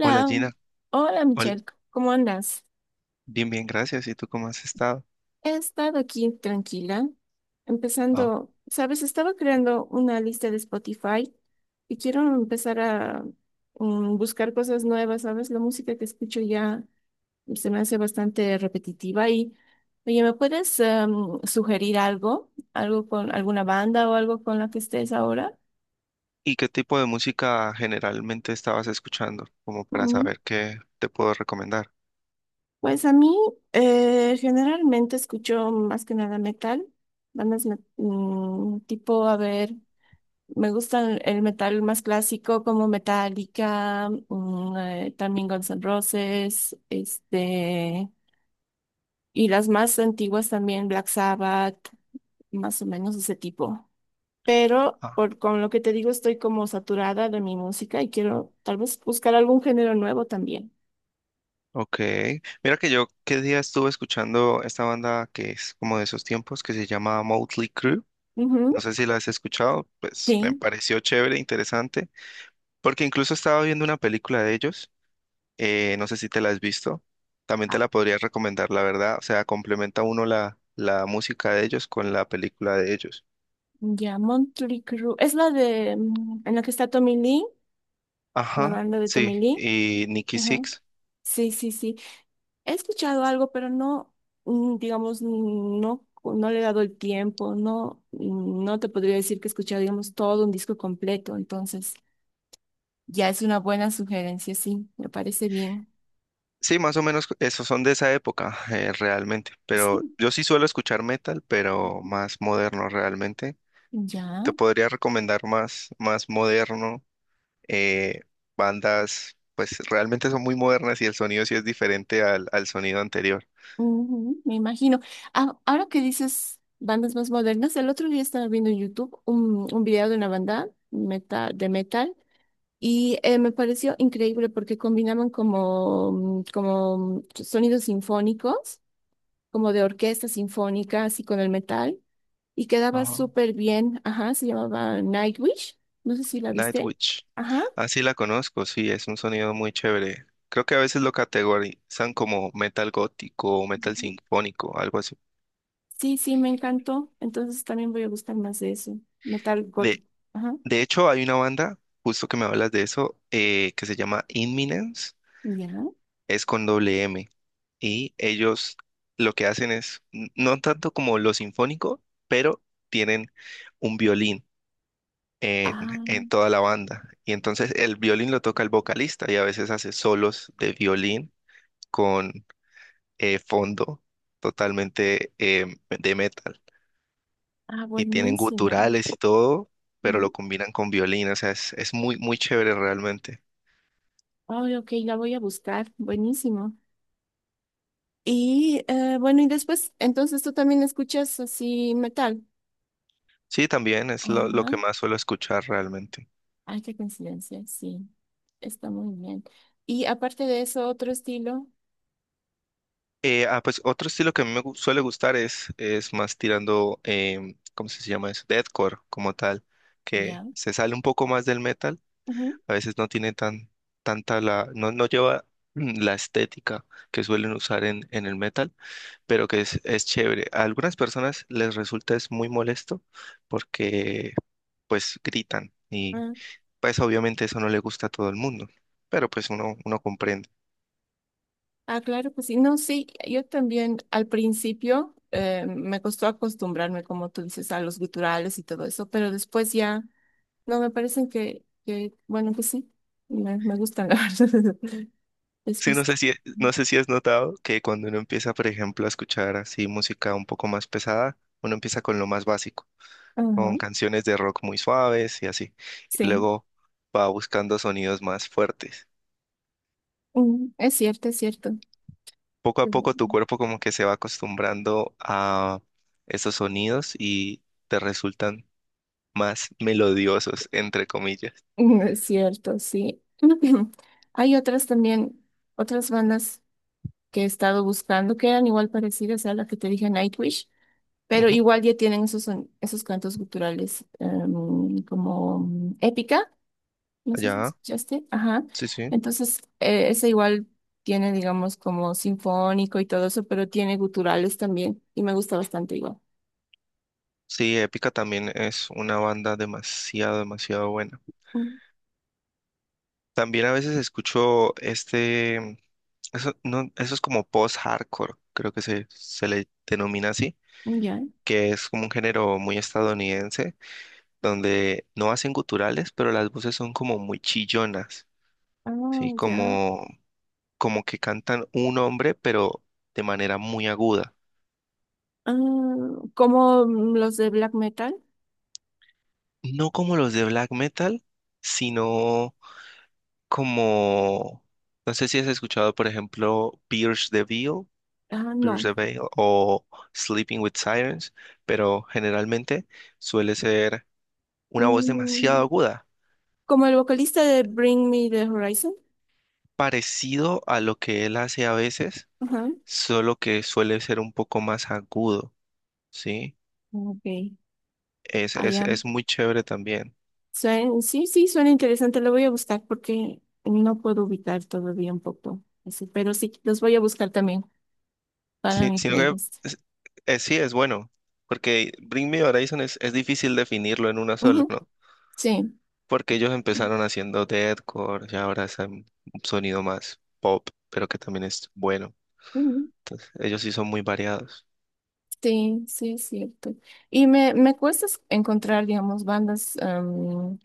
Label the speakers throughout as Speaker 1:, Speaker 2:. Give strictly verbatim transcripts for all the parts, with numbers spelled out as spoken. Speaker 1: Hola Gina,
Speaker 2: hola
Speaker 1: hola,
Speaker 2: Michelle, ¿cómo andas?
Speaker 1: bien, bien, gracias. ¿Y tú cómo has estado?
Speaker 2: He estado aquí tranquila,
Speaker 1: Ah,
Speaker 2: empezando, sabes, estaba creando una lista de Spotify y quiero empezar a mm, buscar cosas nuevas, ¿sabes? La música que escucho ya se me hace bastante repetitiva y, oye, ¿me puedes em, sugerir algo? ¿Algo con alguna banda o algo con la que estés ahora?
Speaker 1: ¿y qué tipo de música generalmente estabas escuchando? Como para
Speaker 2: Mm.
Speaker 1: saber qué te puedo recomendar.
Speaker 2: Pues a mí eh, generalmente escucho más que nada metal, bandas me- mm, tipo, a ver, me gusta el el metal más clásico como Metallica, mm, eh, también Guns N' Roses, este, y las más antiguas también Black Sabbath, más o menos ese tipo. Pero
Speaker 1: Ah,
Speaker 2: por, con lo que te digo estoy como saturada de mi música y quiero tal vez buscar algún género nuevo también.
Speaker 1: ok. Mira que yo qué día estuve escuchando esta banda que es como de esos tiempos que se llama Motley Crue.
Speaker 2: Ujú,
Speaker 1: No sé si la has escuchado, pues me
Speaker 2: sí.
Speaker 1: pareció chévere, interesante, porque incluso estaba viendo una película de ellos. Eh, no sé si te la has visto. También te la podría recomendar, la verdad. O sea, complementa uno la, la música de ellos con la película de ellos.
Speaker 2: Ya, Motley Crue. Es la de, mm, en la que está Tommy Lee, la
Speaker 1: Ajá,
Speaker 2: banda de
Speaker 1: sí,
Speaker 2: Tommy Lee.
Speaker 1: y Nicky
Speaker 2: Ajá.
Speaker 1: Six.
Speaker 2: Sí, sí, sí. He escuchado algo, pero no, mm, digamos, no, no le he dado el tiempo. No, mm, no te podría decir que he escuchado, digamos, todo un disco completo. Entonces, ya es una buena sugerencia, sí. Me parece bien.
Speaker 1: Sí, más o menos esos son de esa época, eh, realmente. Pero
Speaker 2: Sí.
Speaker 1: yo sí suelo escuchar metal, pero
Speaker 2: Ujú.
Speaker 1: más moderno realmente.
Speaker 2: Ya.
Speaker 1: Te podría recomendar más, más moderno, eh, bandas, pues realmente son muy modernas y el sonido sí es diferente al, al sonido anterior.
Speaker 2: Ujú, me imagino. Ah, ahora que dices bandas más modernas, el otro día estaba viendo en YouTube un, un video de una banda metal, de metal y eh, me pareció increíble porque combinaban como, mm, como mm, sonidos sinfónicos, como de orquesta sinfónica, así con el metal, y quedaba
Speaker 1: Ajá.
Speaker 2: súper bien. Ajá, se llamaba Nightwish. No sé si la viste.
Speaker 1: Nightwish.
Speaker 2: Ajá,
Speaker 1: Ah, sí la conozco, sí, es un sonido muy chévere. Creo que a veces lo categorizan como metal gótico o metal
Speaker 2: ujú.
Speaker 1: sinfónico, algo así.
Speaker 2: Sí, sí, me encantó. Entonces también voy a buscar más de eso. Metal
Speaker 1: De
Speaker 2: gótico. Ajá,
Speaker 1: De hecho, hay una banda, justo que me hablas de eso, eh, que se llama Inminence,
Speaker 2: ya.
Speaker 1: es con doble M, y ellos lo que hacen es, n- no tanto como lo sinfónico, pero tienen un violín en, en
Speaker 2: Ah,
Speaker 1: toda la banda, y entonces el violín lo toca el vocalista, y a veces hace solos de violín con eh, fondo totalmente eh, de metal,
Speaker 2: ah,
Speaker 1: y tienen
Speaker 2: buenísimo.
Speaker 1: guturales y todo, pero lo
Speaker 2: ¿No?
Speaker 1: combinan con violín, o sea, es, es muy, muy chévere realmente.
Speaker 2: Ay, ok, la voy a buscar. Buenísimo. Y eh, bueno, y después, entonces tú también escuchas así metal.
Speaker 1: Sí, también es lo, lo
Speaker 2: Ajá.
Speaker 1: que más suelo escuchar realmente.
Speaker 2: Ay, qué coincidencia, sí. Está muy bien. Y aparte de eso, otro estilo,
Speaker 1: Eh, ah, pues otro estilo que a mí me gu- suele gustar es, es más tirando, em, ¿cómo se llama eso? Deathcore como tal, que
Speaker 2: ya.
Speaker 1: se sale un poco más del metal.
Speaker 2: Ujú.
Speaker 1: A veces no tiene tan, tanta la, no, no lleva mm, la estética que suelen usar en, en el metal, pero que es, es chévere. A algunas personas les resulta es muy molesto porque pues gritan y
Speaker 2: Ah,
Speaker 1: pues obviamente eso no le gusta a todo el mundo, pero pues uno, uno comprende.
Speaker 2: ah, claro, pues sí. No, sí, yo también al principio eh, me costó acostumbrarme, como tú dices, a los guturales y todo eso, pero después ya. No, me parecen que, que bueno, pues sí, me, me gustan, la verdad.
Speaker 1: Sí, no
Speaker 2: Después,
Speaker 1: sé si, no sé si has notado que cuando uno empieza, por ejemplo, a escuchar así música un poco más pesada, uno empieza con lo más básico,
Speaker 2: ajá,
Speaker 1: con canciones de rock muy suaves y así, y
Speaker 2: sí,
Speaker 1: luego va buscando sonidos más fuertes.
Speaker 2: mm, es cierto, es cierto.
Speaker 1: Poco a poco tu
Speaker 2: Mm,
Speaker 1: cuerpo como que se va acostumbrando a esos sonidos y te resultan más melodiosos, entre comillas.
Speaker 2: mm, es cierto, sí. Hay otras también, otras bandas que he estado buscando que eran igual parecidas a la que te dije Nightwish, pero
Speaker 1: Ujú.
Speaker 2: igual ya tienen esos, son- esos cantos culturales em, como mm, épica. No sé si
Speaker 1: Ya,
Speaker 2: escuchaste. Ajá.
Speaker 1: sí, sí.
Speaker 2: Entonces, eh, ese igual tiene, digamos, como sinfónico y todo eso, pero tiene guturales también y me gusta bastante igual.
Speaker 1: Sí, Épica también es una banda demasiado, demasiado buena.
Speaker 2: Mm,
Speaker 1: También a veces escucho este, eso, no, eso es como post-hardcore, creo que se, se le denomina así,
Speaker 2: ya.
Speaker 1: que es como un género muy estadounidense, donde no hacen guturales, pero las voces son como muy chillonas, ¿sí?
Speaker 2: Ah, ya.
Speaker 1: Como, como que cantan un hombre, pero de manera muy aguda.
Speaker 2: Ah, como mm, los de black metal.
Speaker 1: No como los de black metal, sino como, no sé si has escuchado, por ejemplo, Pierce the Veil,
Speaker 2: Ah,
Speaker 1: Pierce
Speaker 2: no.
Speaker 1: the Veil o Sleeping with Sirens, pero generalmente suele ser una voz demasiado
Speaker 2: Mm,
Speaker 1: aguda,
Speaker 2: como el vocalista de Bring Me the Horizon.
Speaker 1: parecido a lo que él hace a veces,
Speaker 2: Ajá.
Speaker 1: solo que suele ser un poco más agudo, ¿sí?
Speaker 2: Ok.
Speaker 1: Es,
Speaker 2: Ah,
Speaker 1: es,
Speaker 2: ya.
Speaker 1: es muy chévere también.
Speaker 2: Suen- sí, sí, suena interesante. Lo voy a buscar porque no puedo ubicar todavía un poco. Así, pero sí, los voy a buscar también para
Speaker 1: Sí,
Speaker 2: mi
Speaker 1: sino que
Speaker 2: playlist.
Speaker 1: es- es- sí es bueno, porque Bring Me Horizon es, es difícil definirlo en una sola,
Speaker 2: Ujú,
Speaker 1: ¿no?
Speaker 2: sí,
Speaker 1: Porque ellos empezaron haciendo deathcore y ahora es un sonido más pop, pero que también es bueno.
Speaker 2: ujú,
Speaker 1: Entonces, ellos sí son muy variados.
Speaker 2: sí, sí, es cierto. Y me, me cuesta es- encontrar, digamos, bandas am,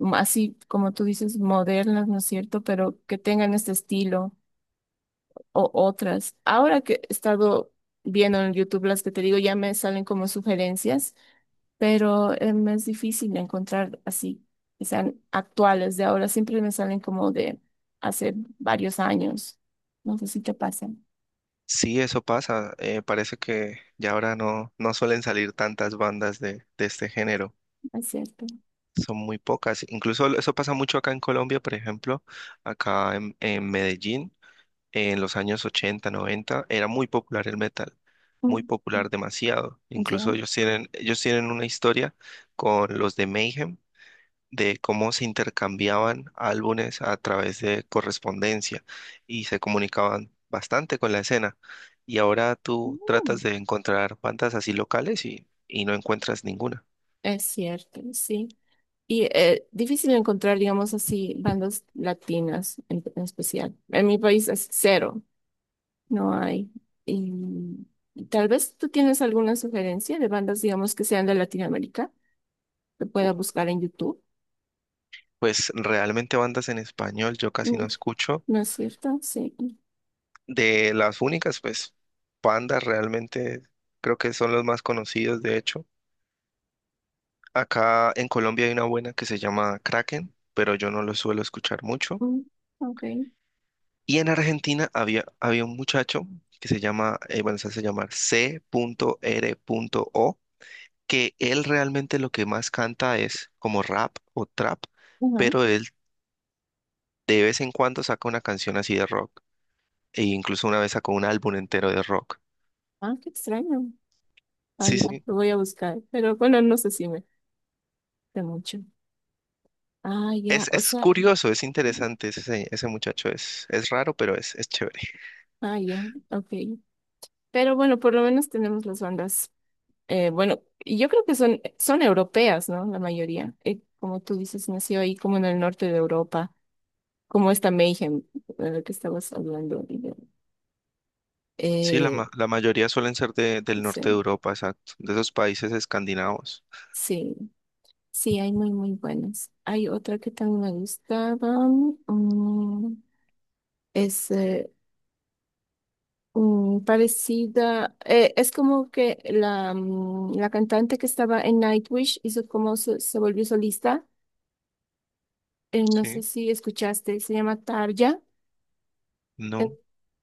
Speaker 2: m- así como tú dices, modernas, ¿no es cierto? Pero que tengan este estilo o otras. Ahora que he estado viendo en YouTube las que te digo, ya me salen como sugerencias, pero eh, me es difícil encontrar así, que sean actuales de ahora. Siempre me salen como de hace varios años. No sé si te pasa, ¿no
Speaker 1: Sí, eso pasa. Eh, parece que ya ahora no, no suelen salir tantas bandas de, de este género.
Speaker 2: es cierto?
Speaker 1: Son muy pocas. Incluso eso pasa mucho acá en Colombia, por ejemplo, acá en, en Medellín, en los años ochenta, noventa, era muy popular el metal. Muy popular
Speaker 2: Mm.
Speaker 1: demasiado. Incluso
Speaker 2: Ya.
Speaker 1: ellos tienen, ellos tienen una historia con los de Mayhem de cómo se intercambiaban álbumes a través de correspondencia y se comunicaban bastante con la escena. Y ahora tú tratas
Speaker 2: Mm,
Speaker 1: de encontrar bandas así locales y, y no encuentras ninguna.
Speaker 2: es cierto, sí. Y eh, difícil encontrar, digamos así, bandas latinas en, en especial. En mi país es cero, no hay. Y tal vez tú tienes alguna sugerencia de bandas, digamos, que sean de Latinoamérica, que pueda buscar en YouTube.
Speaker 1: Pues realmente bandas en español yo casi
Speaker 2: Mm,
Speaker 1: no escucho.
Speaker 2: ¿no es cierto? Sí.
Speaker 1: De las únicas, pues bandas realmente creo que son los más conocidos, de hecho. Acá en Colombia hay una buena que se llama Kraken, pero yo no lo suelo escuchar mucho.
Speaker 2: Mm, ok.
Speaker 1: Y en Argentina había, había un muchacho que se llama, eh, bueno, se hace llamar C R O que él realmente lo que más canta es como rap o trap,
Speaker 2: Ajá.
Speaker 1: pero él de vez en cuando saca una canción así de rock, e incluso una vez sacó un álbum entero de rock.
Speaker 2: Ah, qué extraño. Ah,
Speaker 1: Sí,
Speaker 2: ya,
Speaker 1: sí.
Speaker 2: lo voy a buscar, pero bueno, no sé si me da mucho. Ah, ya,
Speaker 1: Es,
Speaker 2: o
Speaker 1: es
Speaker 2: sea,
Speaker 1: curioso, es interesante ese, se- ese muchacho, es, es raro, pero es, es chévere.
Speaker 2: ah, ya, ok. Pero bueno, por lo menos tenemos las bandas. Eh, bueno, y yo creo que son, son europeas, ¿no? La mayoría. Eh, como tú dices, nació ahí como en el norte de Europa, como esta Mayhem de la que estabas hablando. y de-
Speaker 1: Sí, la,
Speaker 2: Eh,
Speaker 1: ma- la mayoría suelen ser de- del norte de
Speaker 2: sí,
Speaker 1: Europa, exacto, de esos países escandinavos.
Speaker 2: sí, sí, hay muy, muy buenas. Hay otra que también me gustaba. mm, es eh, mm, parecida. Eh, es como que la, mm, la cantante que estaba en Nightwish hizo como se se volvió solista. Eh, no sé
Speaker 1: Sí.
Speaker 2: si escuchaste, se llama Tarja. Eh,
Speaker 1: No.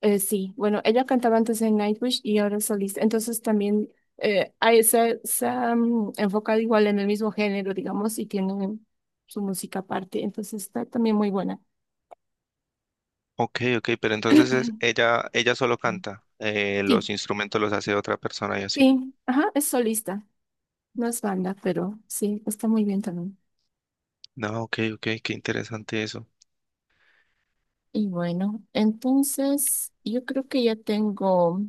Speaker 2: eh, sí, bueno, ella cantaba antes en Nightwish y ahora es solista. Entonces también eh, ahí se, se han enfocado igual en el mismo género, digamos, y tiene su música aparte. Entonces está también muy buena.
Speaker 1: Ok, ok, pero entonces es- ella, ella solo canta, eh, los
Speaker 2: Sí,
Speaker 1: instrumentos los hace otra persona y así.
Speaker 2: sí, ajá, es solista, no es banda, pero sí, está muy bien también.
Speaker 1: No, ok, ok, qué interesante eso.
Speaker 2: Y bueno, entonces yo creo que ya tengo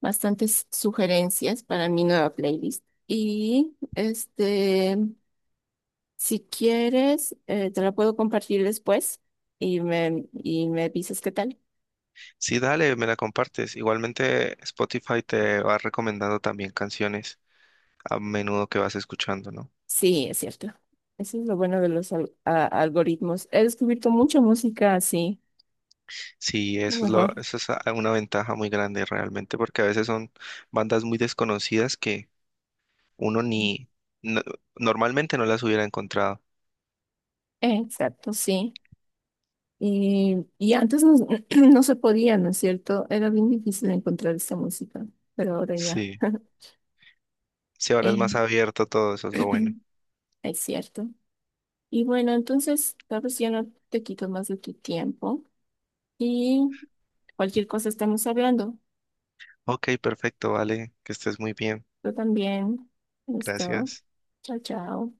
Speaker 2: bastantes sugerencias para mi nueva playlist. Y este, si quieres, eh, te la puedo compartir después y me, y me dices qué tal.
Speaker 1: Sí, dale, me la compartes. Igualmente Spotify te va recomendando también canciones a menudo que vas escuchando, ¿no?
Speaker 2: Sí, es cierto. Eso es lo bueno de los al- a- algoritmos. He descubierto mucha música así,
Speaker 1: Sí,
Speaker 2: lo
Speaker 1: eso es lo,
Speaker 2: mejor.
Speaker 1: eso es a- una ventaja muy grande realmente, porque a veces son bandas muy desconocidas que uno ni no- normalmente no las hubiera encontrado.
Speaker 2: Exacto, sí. Y, y antes no, no se podía, ¿no es cierto? Era bien difícil encontrar esta música, pero ahora ya,
Speaker 1: Sí, sí, ahora es más
Speaker 2: eh,
Speaker 1: abierto todo, eso es lo bueno.
Speaker 2: es cierto. Y bueno, entonces, tal vez ya no te quito más de tu tiempo y cualquier cosa estamos hablando.
Speaker 1: Ok, perfecto, vale, que estés muy bien.
Speaker 2: Yo también. Listo.
Speaker 1: Gracias.
Speaker 2: Chao, chao.